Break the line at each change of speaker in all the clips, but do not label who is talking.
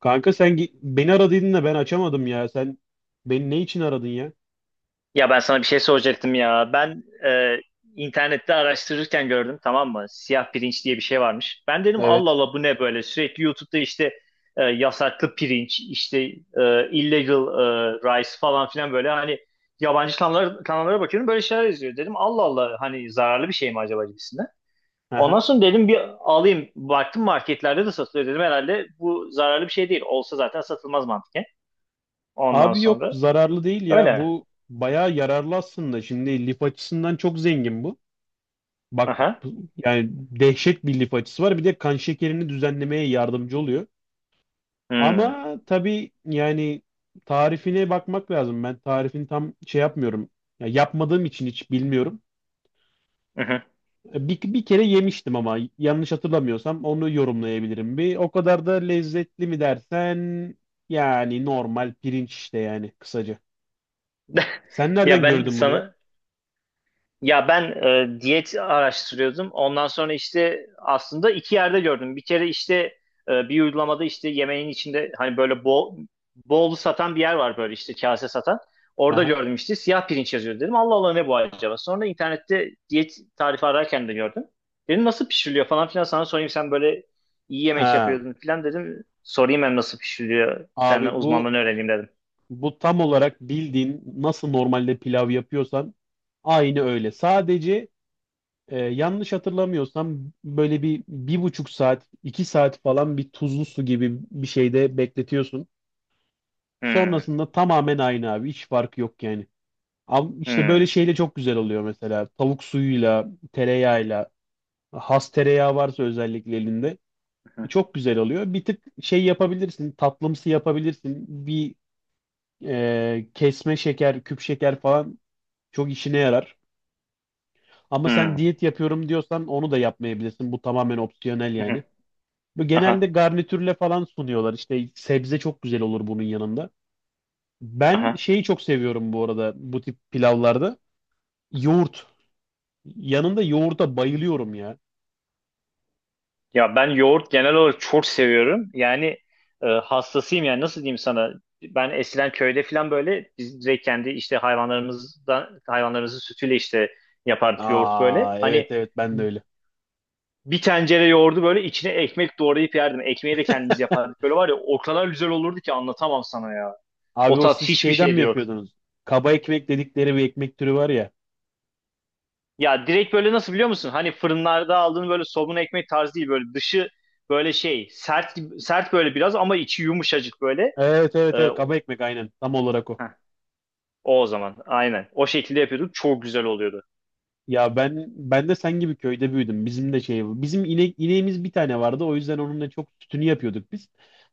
Kanka sen beni aradıydın da ben açamadım ya. Sen beni ne için aradın ya?
Ya ben sana bir şey soracaktım ya. Ben internette araştırırken gördüm, tamam mı? Siyah pirinç diye bir şey varmış. Ben dedim Allah
Evet.
Allah, bu ne böyle? Sürekli YouTube'da işte yasaklı pirinç, işte illegal rice falan filan, böyle hani yabancı kanallara bakıyorum, böyle şeyler yazıyor. Dedim Allah Allah, hani zararlı bir şey mi acaba gibisinden. Ondan
Aha.
sonra dedim bir alayım. Baktım marketlerde de satılıyor, dedim herhalde bu zararlı bir şey değil. Olsa zaten satılmaz mantıken. Ondan
Abi yok,
sonra
zararlı değil ya.
öyle.
Bu bayağı yararlı aslında. Şimdi lif açısından çok zengin bu. Bak
Aha.
yani dehşet bir lif açısı var. Bir de kan şekerini düzenlemeye yardımcı oluyor.
Hmm.
Ama tabii yani tarifine bakmak lazım. Ben tarifini tam şey yapmıyorum. Ya yapmadığım için hiç bilmiyorum. Bir kere yemiştim ama yanlış hatırlamıyorsam onu yorumlayabilirim bir. O kadar da lezzetli mi dersen yani normal pirinç işte, yani kısaca. Sen
Ya
nereden
ben
gördün bunu ya?
sana ya ben e, Diyet araştırıyordum. Ondan sonra işte aslında iki yerde gördüm. Bir kere işte bir uygulamada işte yemeğin içinde, hani böyle bol bol satan bir yer var, böyle işte kase satan. Orada
Aha.
gördüm, işte siyah pirinç yazıyor, dedim. Allah Allah ne bu acaba? Sonra internette diyet tarifi ararken de gördüm. Dedim nasıl pişiriliyor falan filan, sana sorayım, sen böyle iyi yemek
Ha.
yapıyordun filan, dedim. Sorayım hem nasıl pişiriliyor, senden
Abi
uzmanlığını öğreneyim, dedim.
bu tam olarak bildiğin nasıl normalde pilav yapıyorsan aynı öyle. Sadece yanlış hatırlamıyorsam böyle 1,5 saat, 2 saat falan bir tuzlu su gibi bir şeyde bekletiyorsun.
Hmm,
Sonrasında tamamen aynı abi, hiç farkı yok yani. Ama işte böyle
hmm,
şeyle çok güzel oluyor mesela. Tavuk suyuyla, tereyağıyla. Has tereyağı varsa özellikle elinde.
hmm.
Çok güzel oluyor. Bir tık şey yapabilirsin. Tatlımsı yapabilirsin. Bir kesme şeker, küp şeker falan çok işine yarar. Ama sen
Hmm.
diyet yapıyorum diyorsan onu da yapmayabilirsin. Bu tamamen opsiyonel yani.
Hmm.
Bu
Aha,
genelde garnitürle falan sunuyorlar. İşte sebze çok güzel olur bunun yanında. Ben
aha.
şeyi çok seviyorum bu arada bu tip pilavlarda. Yoğurt. Yanında yoğurda bayılıyorum ya.
Ya ben yoğurt genel olarak çok seviyorum. Yani hastasıyım, yani nasıl diyeyim sana? Ben eskiden köyde falan böyle biz direkt kendi işte hayvanlarımızdan, hayvanlarımızın sütüyle işte yapardık yoğurt böyle.
Aa, evet
Hani
evet, ben de öyle.
bir tencere yoğurdu böyle içine ekmek doğrayıp yerdim. Ekmeği de kendimiz yapardık. Böyle var ya, o kadar güzel olurdu ki anlatamam sana ya. O
Abi o
tat
siz
hiçbir
şeyden
şeyde
mi
yok.
yapıyordunuz? Kaba ekmek dedikleri bir ekmek türü var ya.
Ya direkt böyle, nasıl biliyor musun? Hani fırınlarda aldığın böyle somun ekmek tarzı değil, böyle dışı böyle şey sert böyle biraz, ama içi yumuşacık böyle.
Evet
Ee,
evet evet, kaba
o,
ekmek aynen. Tam olarak o.
heh, o zaman aynen o şekilde yapıyorduk, çok güzel oluyordu.
Ya ben de sen gibi köyde büyüdüm. Bizim de şey, bizim ineğimiz bir tane vardı. O yüzden onunla çok sütünü yapıyorduk biz.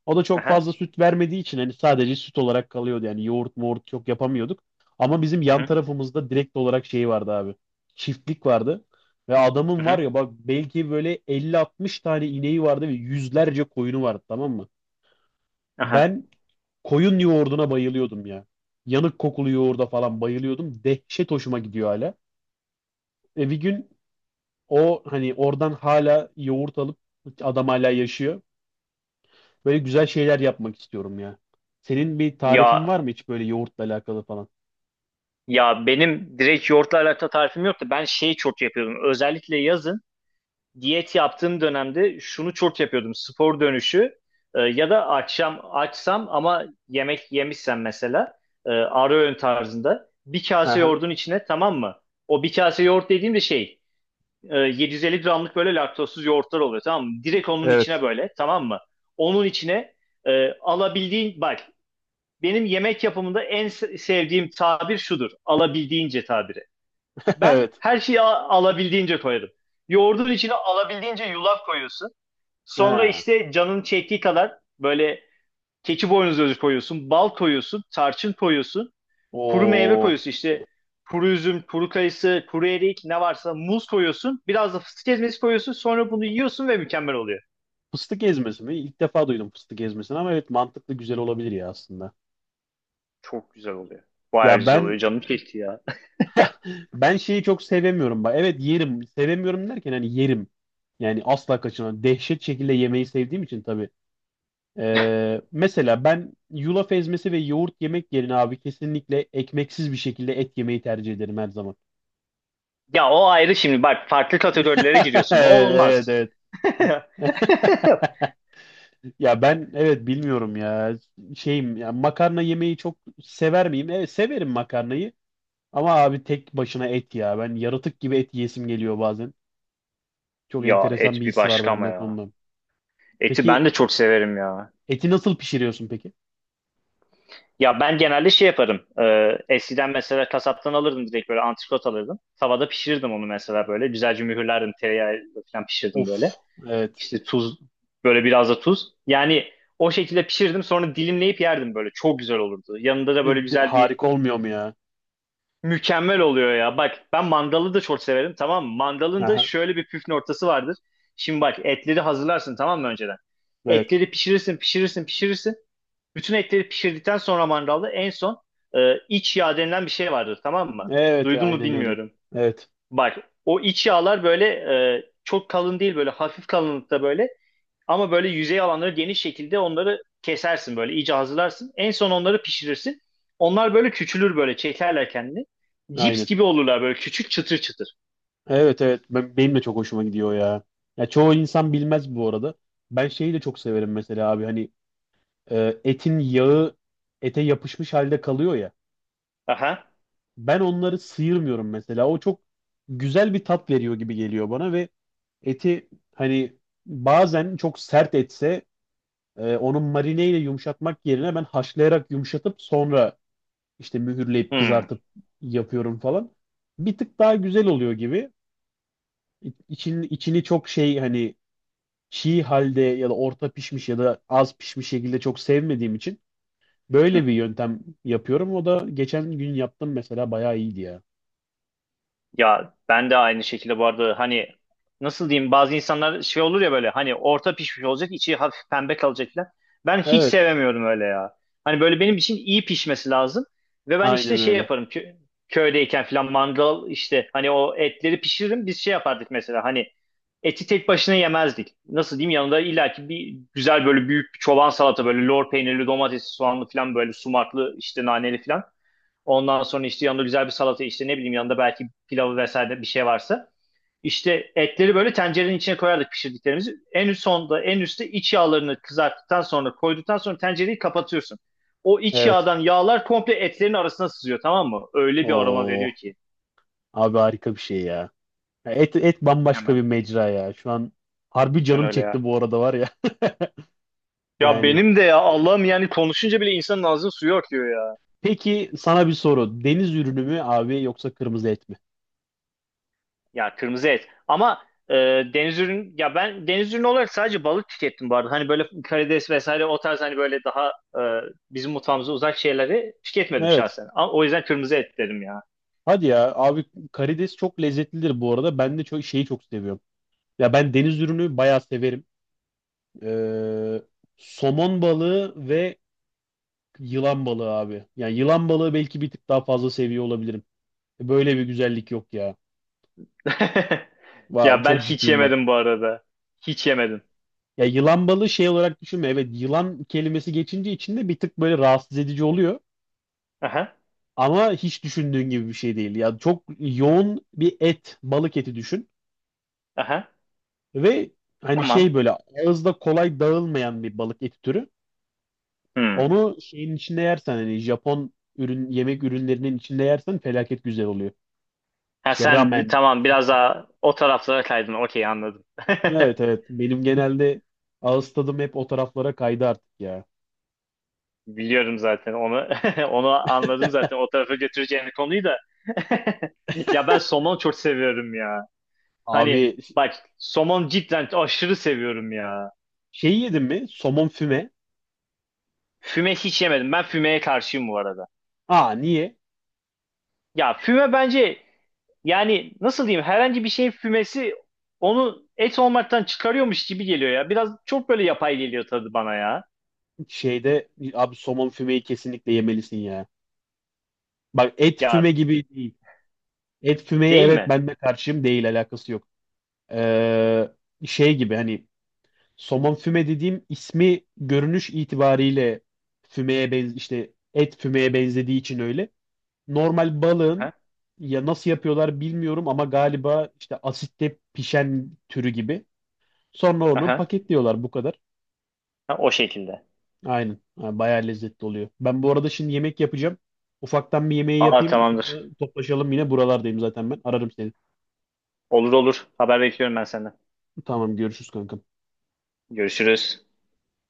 O da çok
Aha,
fazla süt vermediği için hani sadece süt olarak kalıyordu. Yani yoğurt moğurt çok yapamıyorduk. Ama bizim
aha,
yan tarafımızda direkt olarak şey vardı abi. Çiftlik vardı. Ve adamın var
aha,
ya bak, belki böyle 50-60 tane ineği vardı ve yüzlerce koyunu vardı, tamam mı?
aha.
Ben koyun yoğurduna bayılıyordum ya. Yanık kokulu yoğurda falan bayılıyordum. Dehşet hoşuma gidiyor hala. E bir gün o hani oradan hala yoğurt alıp, adam hala yaşıyor. Böyle güzel şeyler yapmak istiyorum ya. Senin bir tarifin
Ya
var mı hiç böyle yoğurtla alakalı falan?
ya benim direkt yoğurtla alakalı tarifim yok da ben şey çok yapıyordum özellikle yazın. Diyet yaptığım dönemde şunu çok yapıyordum. Spor dönüşü ya da akşam açsam ama yemek yemişsem mesela ara öğün tarzında bir kase
Aha,
yoğurdun içine, tamam mı? O bir kase yoğurt dediğim de şey 750 gramlık böyle laktozsuz yoğurtlar oluyor, tamam mı? Direkt onun içine
evet.
böyle, tamam mı? Onun içine alabildiğin bak, benim yemek yapımında en sevdiğim tabir şudur. Alabildiğince tabiri. Ben
Evet.
her şeyi alabildiğince koyarım. Yoğurdun içine alabildiğince yulaf koyuyorsun. Sonra
Ha.
işte canın çektiği kadar böyle keçi boynuzu özü koyuyorsun, bal koyuyorsun, tarçın koyuyorsun, kuru meyve
O
koyuyorsun, işte kuru üzüm, kuru kayısı, kuru erik ne varsa, muz koyuyorsun. Biraz da fıstık ezmesi koyuyorsun. Sonra bunu yiyorsun ve mükemmel oluyor.
fıstık ezmesi mi? İlk defa duydum fıstık ezmesini ama evet, mantıklı, güzel olabilir ya aslında.
Çok güzel oluyor. Bayağı
Ya
güzel oluyor. Canım çekti ya.
ben şeyi çok sevemiyorum bak. Evet yerim. Sevemiyorum derken hani yerim. Yani asla kaçınamam. Dehşet şekilde yemeyi sevdiğim için tabii. Mesela ben yulaf ezmesi ve yoğurt yemek yerine abi kesinlikle ekmeksiz bir şekilde et yemeyi tercih ederim her zaman.
Ya o ayrı şimdi bak, farklı kategorilere giriyorsun. O
Evet evet.
olmaz.
Evet. Ya ben, evet, bilmiyorum ya, şeyim ya, makarna yemeyi çok sever miyim? Evet severim makarnayı ama abi tek başına et, ya ben yaratık gibi et yesim geliyor bazen. Çok
Ya
enteresan
et
bir
bir
his var
başka, ama
bende o
ya.
konuda.
Eti ben
Peki
de çok severim ya.
eti nasıl pişiriyorsun peki?
Ya ben genelde şey yaparım. Eskiden mesela kasaptan alırdım, direkt böyle antrikot alırdım. Tavada pişirirdim onu mesela böyle. Güzelce mühürlerdim, tereyağı falan pişirdim
Of,
böyle.
evet.
İşte tuz, böyle biraz da tuz. Yani o şekilde pişirdim, sonra dilimleyip yerdim böyle. Çok güzel olurdu. Yanında da böyle güzel bir
Harika olmuyor mu ya?
mükemmel oluyor ya. Bak ben mandalı da çok severim, tamam mı? Mandalın da
Aha,
şöyle bir püf noktası vardır. Şimdi bak, etleri hazırlarsın tamam mı önceden?
evet.
Etleri pişirirsin pişirirsin pişirirsin. Bütün etleri pişirdikten sonra mangalda en son iç yağ denilen bir şey vardır, tamam mı?
Evet,
Duydun mu
aynen öyle.
bilmiyorum.
Evet,
Bak, o iç yağlar böyle çok kalın değil, böyle hafif kalınlıkta böyle, ama böyle yüzey alanları geniş şekilde onları kesersin, böyle iyice hazırlarsın. En son onları pişirirsin. Onlar böyle küçülür, böyle çekerler kendini. Cips
aynen.
gibi olurlar, böyle küçük çıtır çıtır.
Evet, evet. Ben, de çok hoşuma gidiyor ya. Ya çoğu insan bilmez bu arada. Ben şeyi de çok severim mesela abi. Hani etin yağı ete yapışmış halde kalıyor ya.
Aha.
Ben onları sıyırmıyorum mesela. O çok güzel bir tat veriyor gibi geliyor bana. Ve eti hani bazen çok sert etse onu marineyle yumuşatmak yerine ben haşlayarak yumuşatıp sonra işte mühürleyip
Hmm.
kızartıp yapıyorum falan. Bir tık daha güzel oluyor gibi. İçini çok şey hani, çiğ halde ya da orta pişmiş ya da az pişmiş şekilde çok sevmediğim için böyle bir yöntem yapıyorum. O da geçen gün yaptım mesela, bayağı iyiydi ya.
Ya ben de aynı şekilde bu arada, hani nasıl diyeyim, bazı insanlar şey olur ya, böyle hani orta pişmiş olacak, içi hafif pembe kalacak falan. Ben hiç
Evet.
sevemiyorum öyle ya. Hani böyle benim için iyi pişmesi lazım. Ve ben işte
Aynen
şey
öyle.
yaparım, köydeyken falan mandal, işte hani o etleri pişiririm, biz şey yapardık mesela, hani eti tek başına yemezdik. Nasıl diyeyim, yanında illaki bir güzel böyle büyük bir çoban salata, böyle lor peynirli, domatesli, soğanlı falan, böyle sumaklı, işte naneli falan. Ondan sonra işte yanında güzel bir salata, işte ne bileyim, yanında belki pilavı vesaire bir şey varsa. İşte etleri böyle tencerenin içine koyardık pişirdiklerimizi. En üst sonda en üstte iç yağlarını kızarttıktan sonra, koyduktan sonra tencereyi kapatıyorsun. O iç
Evet.
yağdan yağlar komple etlerin arasına sızıyor, tamam mı? Öyle bir aroma veriyor
Oo,
ki.
abi harika bir şey ya. Ya et bambaşka
Mükemmel
bir
ya.
mecra ya. Şu an harbi
Cidden
canım
öyle
çekti
ya.
bu arada var ya.
Ya
Yani.
benim de, ya Allah'ım, yani konuşunca bile insanın ağzının suyu akıyor ya.
Peki sana bir soru. Deniz ürünü mü abi yoksa kırmızı et mi?
Ya kırmızı et. Ama e, deniz ürün ya ben deniz ürünü olarak sadece balık tükettim bu arada. Hani böyle karides vesaire o tarz, hani böyle daha e, bizim mutfağımıza uzak şeyleri tüketmedim
Evet.
şahsen. Ama o yüzden kırmızı et dedim ya.
Hadi ya abi, karides çok lezzetlidir bu arada. Ben de çok şeyi çok seviyorum. Ya ben deniz ürünü bayağı severim. Ee, Somon balığı ve yılan balığı abi. Yani yılan balığı belki bir tık daha fazla seviyor olabilirim. Böyle bir güzellik yok ya. Va,
Ya ben
çok
hiç
ciddiyim bak.
yemedim bu arada. Hiç yemedim.
Ya yılan balığı şey olarak düşünme. Evet, yılan kelimesi geçince içinde bir tık böyle rahatsız edici oluyor.
Aha,
Ama hiç düşündüğün gibi bir şey değil. Ya çok yoğun bir et, balık eti düşün.
aha.
Ve hani
Tamam.
şey, böyle ağızda kolay dağılmayan bir balık eti türü.
Hmm.
Onu şeyin içinde yersen hani Japon ürün, yemek ürünlerinin içinde yersen felaket güzel oluyor.
Ha
İşte
sen
ramen,
tamam, biraz
sushi.
daha o taraflara kaydın. Okey, anladım.
Evet evet. Benim genelde ağız tadım hep o taraflara kaydı artık ya.
Biliyorum zaten onu. Onu anladım zaten. O tarafa götüreceğini konuyu da. Ya ben somon çok seviyorum ya.
Abi
Hani bak somon cidden aşırı seviyorum ya.
şey yedin mi? Somon füme.
Füme hiç yemedim. Ben fümeye karşıyım bu arada.
Aa, niye?
Ya füme bence, yani nasıl diyeyim, herhangi bir şeyin fümesi onu et olmaktan çıkarıyormuş gibi geliyor ya. Biraz çok böyle yapay geliyor tadı bana ya.
Şeyde abi, somon fümeyi kesinlikle yemelisin ya. Bak et füme
Ya,
gibi değil. Et fümeyi,
değil
evet,
mi?
ben de karşıyım, değil, alakası yok. Ee, Şey gibi hani, somon füme dediğim ismi görünüş itibariyle fümeye işte et fümeye benzediği için öyle. Normal balığın
Aha,
ya, nasıl yapıyorlar bilmiyorum ama galiba işte asitte pişen türü gibi. Sonra onu
aha.
paketliyorlar, bu kadar.
Ha, o şekilde.
Aynen. Ha, bayağı lezzetli oluyor. Ben bu arada şimdi yemek yapacağım. Ufaktan bir yemeği
Aa,
yapayım. Sonra
tamamdır.
toplaşalım, yine buralardayım zaten ben. Ararım seni.
Olur olur. Haber bekliyorum ben senden.
Tamam, görüşürüz kankam.
Görüşürüz.